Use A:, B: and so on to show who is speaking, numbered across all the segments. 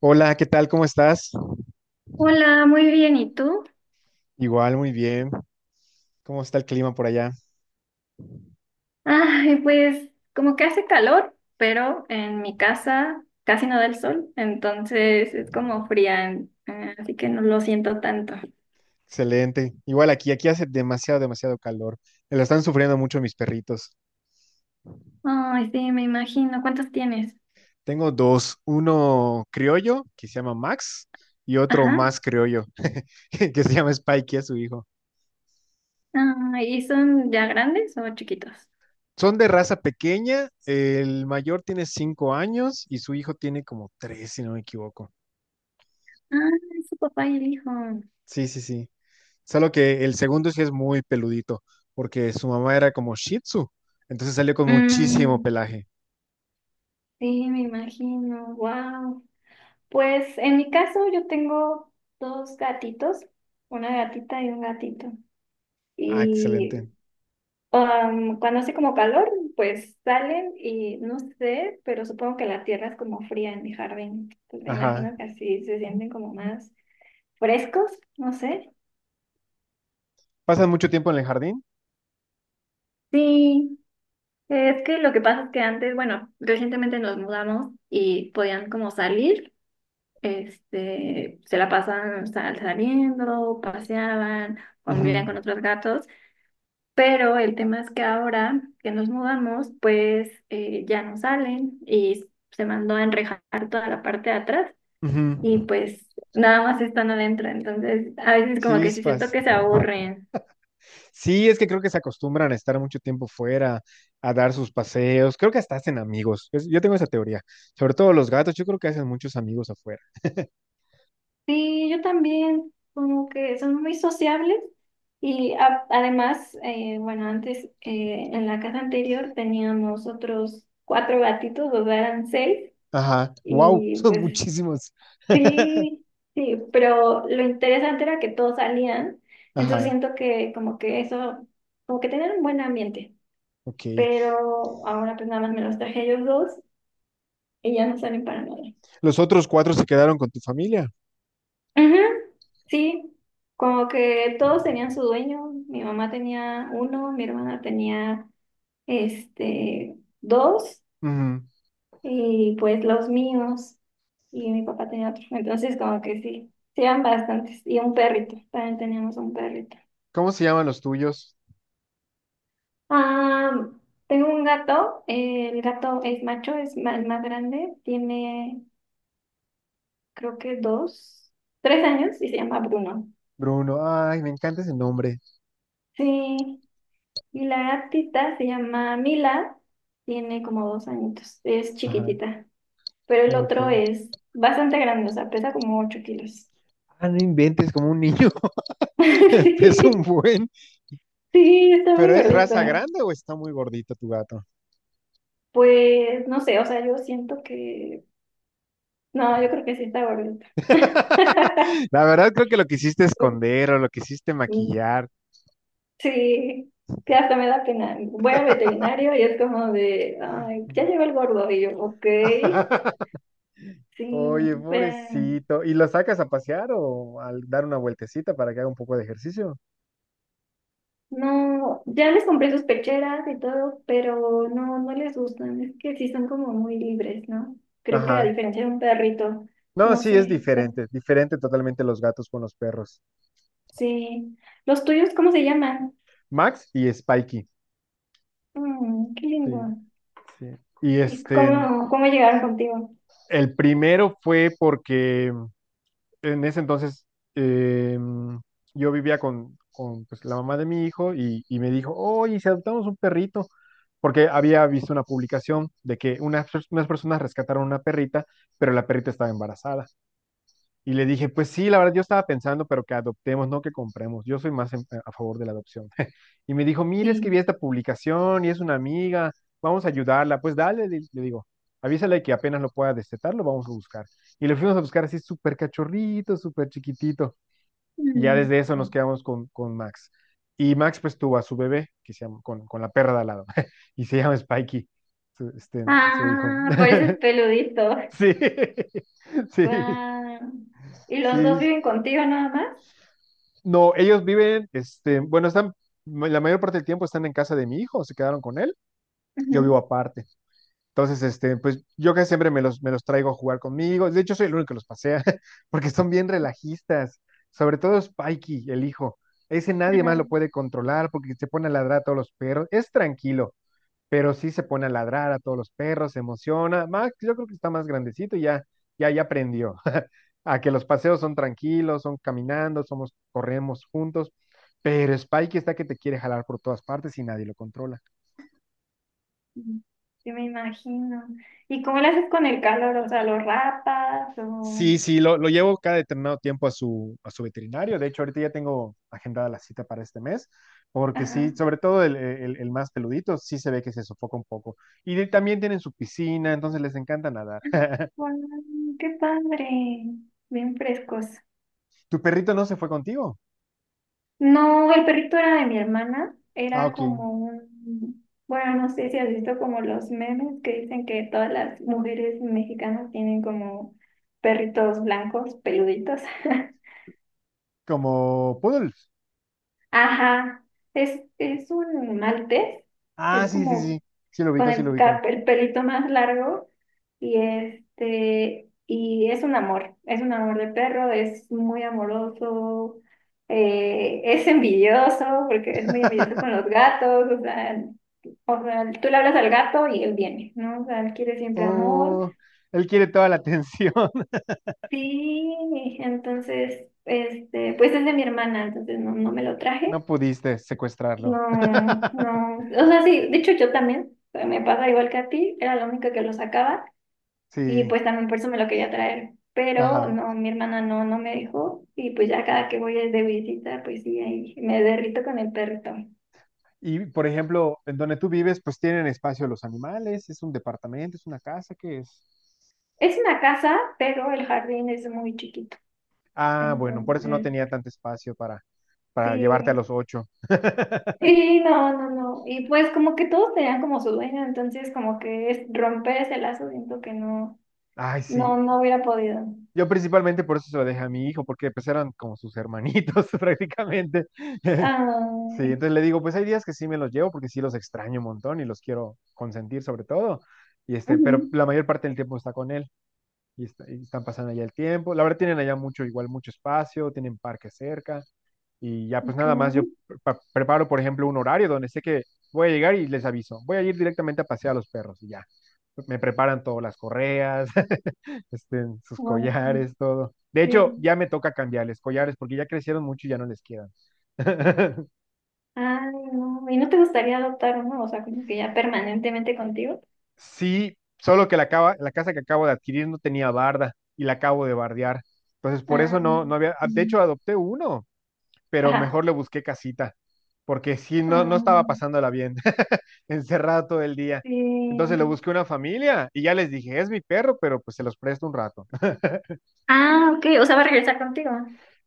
A: Hola, ¿qué tal? ¿Cómo estás?
B: Hola, muy bien. ¿Y tú?
A: Igual, muy bien. ¿Cómo está el clima por allá?
B: Ay, pues como que hace calor, pero en mi casa casi no da el sol, entonces es como fría, así que no lo siento tanto.
A: Excelente. Igual aquí hace demasiado, demasiado calor. Me lo están sufriendo mucho mis perritos.
B: Ay, sí, me imagino. ¿Cuántos tienes?
A: Tengo dos, uno criollo, que se llama Max, y otro
B: Ajá.
A: más criollo, que se llama Spikey, es su hijo.
B: Ay, ¿y son ya grandes o chiquitos?
A: Son de raza pequeña, el mayor tiene 5 años y su hijo tiene como tres, si no me equivoco.
B: Ah, es su papá y el hijo.
A: Sí, sí, sí. Solo que el segundo sí es muy peludito, porque su mamá era como Shih Tzu, entonces salió con muchísimo
B: Mm,
A: pelaje.
B: sí, me imagino. Wow. Pues en mi caso yo tengo dos gatitos, una gatita y un gatito.
A: Ah, excelente.
B: Y cuando hace como calor, pues salen y no sé, pero supongo que la tierra es como fría en mi jardín. Pues me
A: Ajá.
B: imagino que así se sienten como más frescos, no sé.
A: ¿Pasan mucho tiempo en el jardín?
B: Sí, es que lo que pasa es que antes, bueno, recientemente nos mudamos y podían como salir, este, se la pasaban saliendo, paseaban, convivían
A: Ujú,
B: con otros gatos. Pero el tema es que ahora que nos mudamos, pues ya no salen y se mandó a enrejar toda la parte de atrás y
A: ujú.
B: pues nada más están adentro. Entonces, a veces como que sí siento
A: Chispas.
B: que se aburren.
A: Sí, es que creo que se acostumbran a estar mucho tiempo fuera, a dar sus paseos. Creo que hasta hacen amigos. Yo tengo esa teoría. Sobre todo los gatos, yo creo que hacen muchos amigos afuera.
B: Sí, yo también, como que son muy sociables y además, bueno, antes en la casa anterior teníamos otros cuatro gatitos, o sea, eran seis.
A: Ajá. Wow,
B: Y
A: son
B: pues
A: muchísimos.
B: sí, sí, pero lo interesante era que todos salían, entonces
A: Ajá,
B: siento que como que eso, como que tenían un buen ambiente,
A: ok.
B: pero ahora pues nada más me los traje ellos dos y ya no salen para nada.
A: ¿Los otros cuatro se quedaron con tu familia?
B: Ujú, sí, como que todos tenían su dueño, mi mamá tenía uno, mi hermana tenía este dos
A: Ujú.
B: y pues los míos y mi papá tenía otro, entonces como que sí, sí eran bastantes y un perrito, también teníamos un perrito.
A: ¿Cómo se llaman los tuyos?
B: Ah, tengo un gato, el gato es macho, el más grande, tiene creo que dos, tres años y se llama Bruno.
A: Bruno. Ay, me encanta ese nombre.
B: Sí, y la gatita se llama Mila, tiene como dos añitos, es
A: Ajá.
B: chiquitita, pero el
A: No, Ok.
B: otro es bastante grande, o sea, pesa como ocho kilos.
A: Ah, no inventes como un niño. Es un buen.
B: Sí, sí, está muy
A: ¿Pero es raza
B: gordita.
A: grande o está muy gordito tu gato?
B: Pues no sé, o sea, yo siento que, no, yo creo que sí está gordita.
A: La verdad creo que lo quisiste esconder o lo quisiste maquillar.
B: Sí, que hasta me da pena. Voy al veterinario y es como de, ay, ya llegó el gordo. Y yo, ok, sí,
A: Oye,
B: pero
A: pobrecito. ¿Y lo sacas a pasear o al dar una vueltecita para que haga un poco de ejercicio?
B: no, ya les compré sus pecheras y todo, pero no, no les gustan. Es que sí son como muy libres, ¿no? Creo que a
A: Ajá.
B: diferencia de un perrito,
A: No,
B: no
A: sí, es
B: sé, bueno,
A: diferente. Diferente totalmente los gatos con los perros.
B: sí. ¿Los tuyos cómo se llaman?
A: Max y Spikey.
B: Mm, qué lindo.
A: Sí. Sí. Y
B: ¿Y
A: este,
B: cómo llegaron contigo?
A: el primero fue porque en ese entonces eh, yo vivía con pues, la mamá de mi hijo y me dijo, oye, si adoptamos un perrito, porque había visto una publicación de que unas personas rescataron una perrita, pero la perrita estaba embarazada. Y le dije, pues sí, la verdad yo estaba pensando, pero que adoptemos, no que compremos. Yo soy más a favor de la adopción. Y me dijo, mire, es que vi
B: Sí.
A: esta publicación y es una amiga, vamos a ayudarla. Pues dale, le digo, avísale que apenas lo pueda destetar, lo vamos a buscar. Y lo fuimos a buscar así súper cachorrito, súper chiquitito. Y ya
B: Mm.
A: desde eso nos quedamos con Max. Y Max pues tuvo a su bebé, que se llama, con la perra de al lado, y se llama Spikey, su, este, su hijo.
B: Ah, por eso es peludito.
A: Sí, sí,
B: Guau. ¿Y los dos
A: sí.
B: viven contigo nada más?
A: No, ellos viven, este, bueno, están, la mayor parte del tiempo están en casa de mi hijo, se quedaron con él, yo vivo
B: Ujú.
A: aparte. Entonces, este, pues yo que siempre me los traigo a jugar conmigo. De hecho, soy el único que los pasea, porque son bien relajistas. Sobre todo Spikey, el hijo. Ese nadie más lo
B: Ajá.
A: puede controlar porque se pone a ladrar a todos los perros. Es tranquilo pero sí se pone a ladrar a todos los perros, se emociona. Max, yo creo que está más grandecito y ya, ya aprendió a que los paseos son tranquilos, son caminando, somos, corremos juntos, pero Spike está que te quiere jalar por todas partes y nadie lo controla.
B: Mm. Sí, me imagino. ¿Y cómo le haces con el calor? O sea, ¿los rapas o...?
A: Sí, sí, lo llevo cada determinado tiempo a su veterinario. De hecho, ahorita ya tengo agendada la cita para este mes, porque
B: Ajá.
A: sí, sobre todo el más peludito, sí se ve que se sofoca un poco. Y también tienen su piscina, entonces les encanta nadar.
B: Guau, ¡qué padre! Bien frescos.
A: ¿Tu perrito no se fue contigo?
B: No, el perrito era de mi hermana.
A: Ah,
B: Era
A: ok.
B: como un... Bueno, no sé si has visto como los memes que dicen que todas las mujeres mexicanas tienen como perritos blancos, peluditos.
A: Como Poodles.
B: Ajá, es un maltés,
A: Ah,
B: es
A: sí, sí,
B: como
A: sí. Sí lo
B: con
A: ubico, sí lo
B: el,
A: ubico.
B: el pelito más largo y este, y es un amor de perro, es muy amoroso, es envidioso, porque es muy envidioso con los gatos, o sea, tú le hablas al gato y él viene, ¿no? O sea, él quiere siempre amor.
A: Oh, él quiere toda la atención.
B: Sí, entonces, este, pues es de mi hermana, entonces no, no me lo traje.
A: No pudiste secuestrarlo.
B: No, no, o sea, sí, de hecho yo también, me pasa igual que a ti, era la única que lo sacaba y
A: Sí,
B: pues también por eso me lo quería traer, pero
A: ajá.
B: no, mi hermana no, no me dejó y pues ya cada que voy de visita, pues sí, ahí me derrito con el perrito.
A: Y por ejemplo, en donde tú vives, pues tienen espacio los animales, es un departamento, es una casa, ¿qué es?
B: Es una casa, pero el jardín es muy chiquito,
A: Ah, bueno, por eso no
B: entonces,
A: tenía tanto espacio para llevarte a
B: sí,
A: los ocho.
B: sí, no, no, no, y pues como que todos tenían como su dueño, entonces como que es romper ese lazo, siento que no,
A: Ay,
B: no,
A: sí.
B: no hubiera podido.
A: Yo principalmente por eso se lo dejé a mi hijo, porque pues eran como sus hermanitos prácticamente. Sí,
B: Ay.
A: entonces le digo, pues hay días que sí me los llevo porque sí los extraño un montón y los quiero consentir sobre todo. Y este, pero
B: Ujú.
A: la mayor parte del tiempo está con él y, y están pasando allá el tiempo. La verdad tienen allá mucho, igual mucho espacio, tienen parque cerca y ya pues
B: Ok,
A: nada más yo preparo, por ejemplo, un horario donde sé que voy a llegar y les aviso. Voy a ir directamente a pasear a los perros y ya. Me preparan todas las correas, este, sus
B: guau,
A: collares, todo. De hecho,
B: sí.
A: ya me toca cambiarles collares porque ya crecieron mucho y ya no les quedan.
B: Ay, no. ¿Y no te gustaría adoptar uno? O sea, como que ya permanentemente contigo.
A: Sí, solo que la casa que acabo de adquirir no tenía barda y la acabo de bardear. Entonces, por
B: Ah,
A: eso no, no había, ah, de hecho,
B: mm,
A: adopté uno, pero mejor
B: ajá.
A: le busqué casita, porque sí, no, no
B: Ah,
A: estaba pasándola bien, encerrado todo el día. Entonces le
B: sí.
A: busqué una familia y ya les dije, es mi perro, pero pues se los presto un rato.
B: Ah, ok. O sea, va a regresar contigo.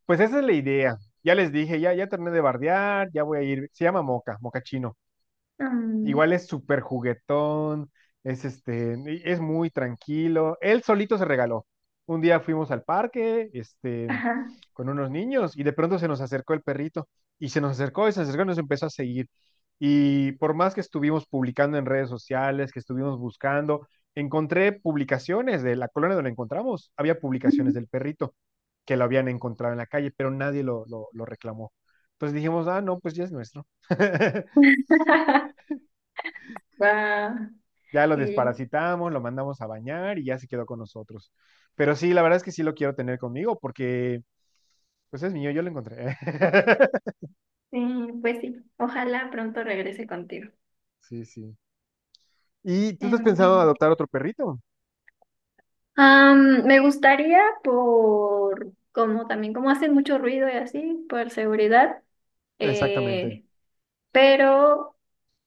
A: Pues esa es la idea. Ya les dije, ya terminé de bardear, ya voy a ir. Se llama Moca, Moca Chino.
B: Mm,
A: Igual es súper juguetón, es este, y es muy tranquilo. Él solito se regaló. Un día fuimos al parque, este,
B: ajá.
A: con unos niños, y de pronto se nos acercó el perrito, y se nos acercó, y se acercó, y nos empezó a seguir. Y por más que estuvimos publicando en redes sociales, que estuvimos buscando, encontré publicaciones de la colonia donde lo encontramos. Había publicaciones del perrito que lo habían encontrado en la calle, pero nadie lo reclamó. Entonces dijimos, ah, no, pues ya es nuestro.
B: Guau,
A: Ya lo
B: sí,
A: desparasitamos, lo mandamos a bañar y ya se quedó con nosotros. Pero sí, la verdad es que sí lo quiero tener conmigo porque, pues es mío, yo lo encontré.
B: sí, pues sí. Ojalá pronto regrese contigo.
A: Sí, sí. ¿Y tú estás
B: En
A: pensando
B: fin.
A: adoptar otro perrito?
B: Am, me gustaría por, como también, como hacen mucho ruido y así, por seguridad,
A: Exactamente.
B: eh, pero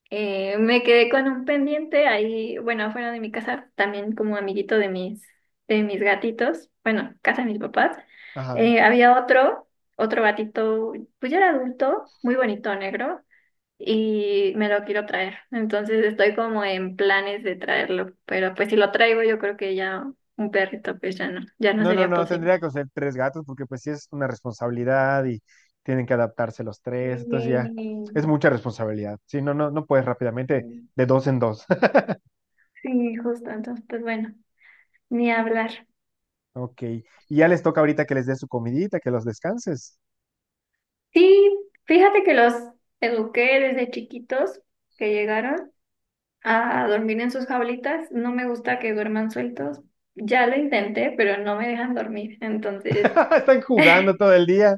B: me quedé con un pendiente ahí, bueno, afuera de mi casa, también como amiguito de mis gatitos, bueno, casa de mis papás.
A: Ajá.
B: Había otro, otro gatito, pues ya era adulto, muy bonito, negro, y me lo quiero traer. Entonces estoy como en planes de traerlo, pero pues si lo traigo yo creo que ya un perrito pues ya no, ya no
A: No, no,
B: sería
A: no,
B: posible.
A: tendría que ser tres gatos porque pues sí es una responsabilidad y tienen que adaptarse los
B: Sí,
A: tres, entonces ya es mucha responsabilidad. Sí, no, no, no puedes rápidamente
B: sí,
A: de dos en dos.
B: sí, justo, entonces pues bueno, ni hablar.
A: Ok. Y ya les toca ahorita que les des su comidita, que los descanses.
B: Sí, fíjate que los eduqué desde chiquitos que llegaron a dormir en sus jaulitas. No me gusta que duerman sueltos. Ya lo intenté, pero no me dejan dormir. Entonces,
A: Están jugando todo el día.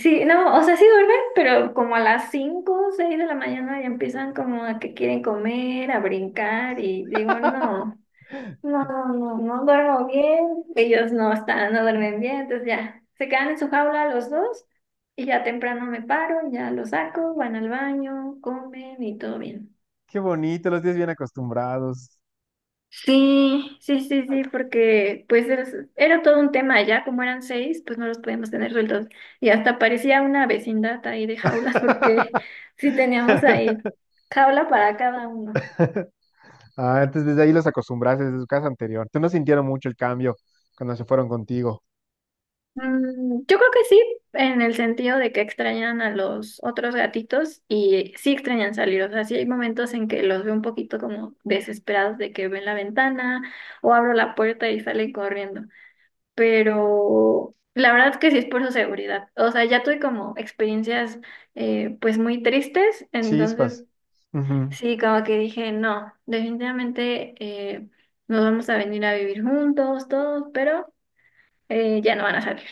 B: sí, no, o sea, sí duermen, pero como a las 5, o 6 de la mañana ya empiezan como a que quieren comer, a brincar y digo, no. No, no, no, no duermo bien, ellos no están, no duermen bien, entonces ya se quedan en su jaula los dos y ya temprano me paro, ya los saco, van al baño, comen y todo bien.
A: Qué bonito, los tienes bien acostumbrados.
B: Sí, sí, sí, sí, porque pues era todo un tema ya, como eran seis, pues no los podíamos tener sueltos y hasta parecía una vecindad ahí de jaulas porque sí teníamos ahí jaula para cada uno.
A: Ah, entonces desde ahí los acostumbraste desde su casa anterior. ¿Tú no sintieron mucho el cambio cuando se fueron contigo?
B: Mm, yo creo que sí, en el sentido de que extrañan a los otros gatitos y sí extrañan salir. O sea, sí hay momentos en que los veo un poquito como desesperados de que ven la ventana o abro la puerta y salen corriendo. Pero la verdad es que sí es por su seguridad. O sea, ya tuve como experiencias pues muy tristes, entonces
A: Chispas. Ujú.
B: sí, como que dije, no, definitivamente nos vamos a venir a vivir juntos todos, pero ya no van a salir.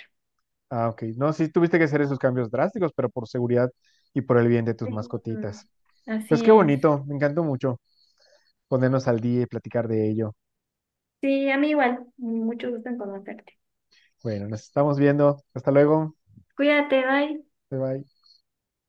A: Ah, ok. No, sí tuviste que hacer esos cambios drásticos, pero por seguridad y por el bien de tus
B: Sí,
A: mascotitas. Pues
B: así
A: qué
B: es.
A: bonito, me encantó mucho ponernos al día y platicar de ello.
B: Sí, a mí igual. Mucho gusto en conocerte.
A: Bueno, nos estamos viendo. Hasta luego.
B: Cuídate, bye.
A: Bye bye.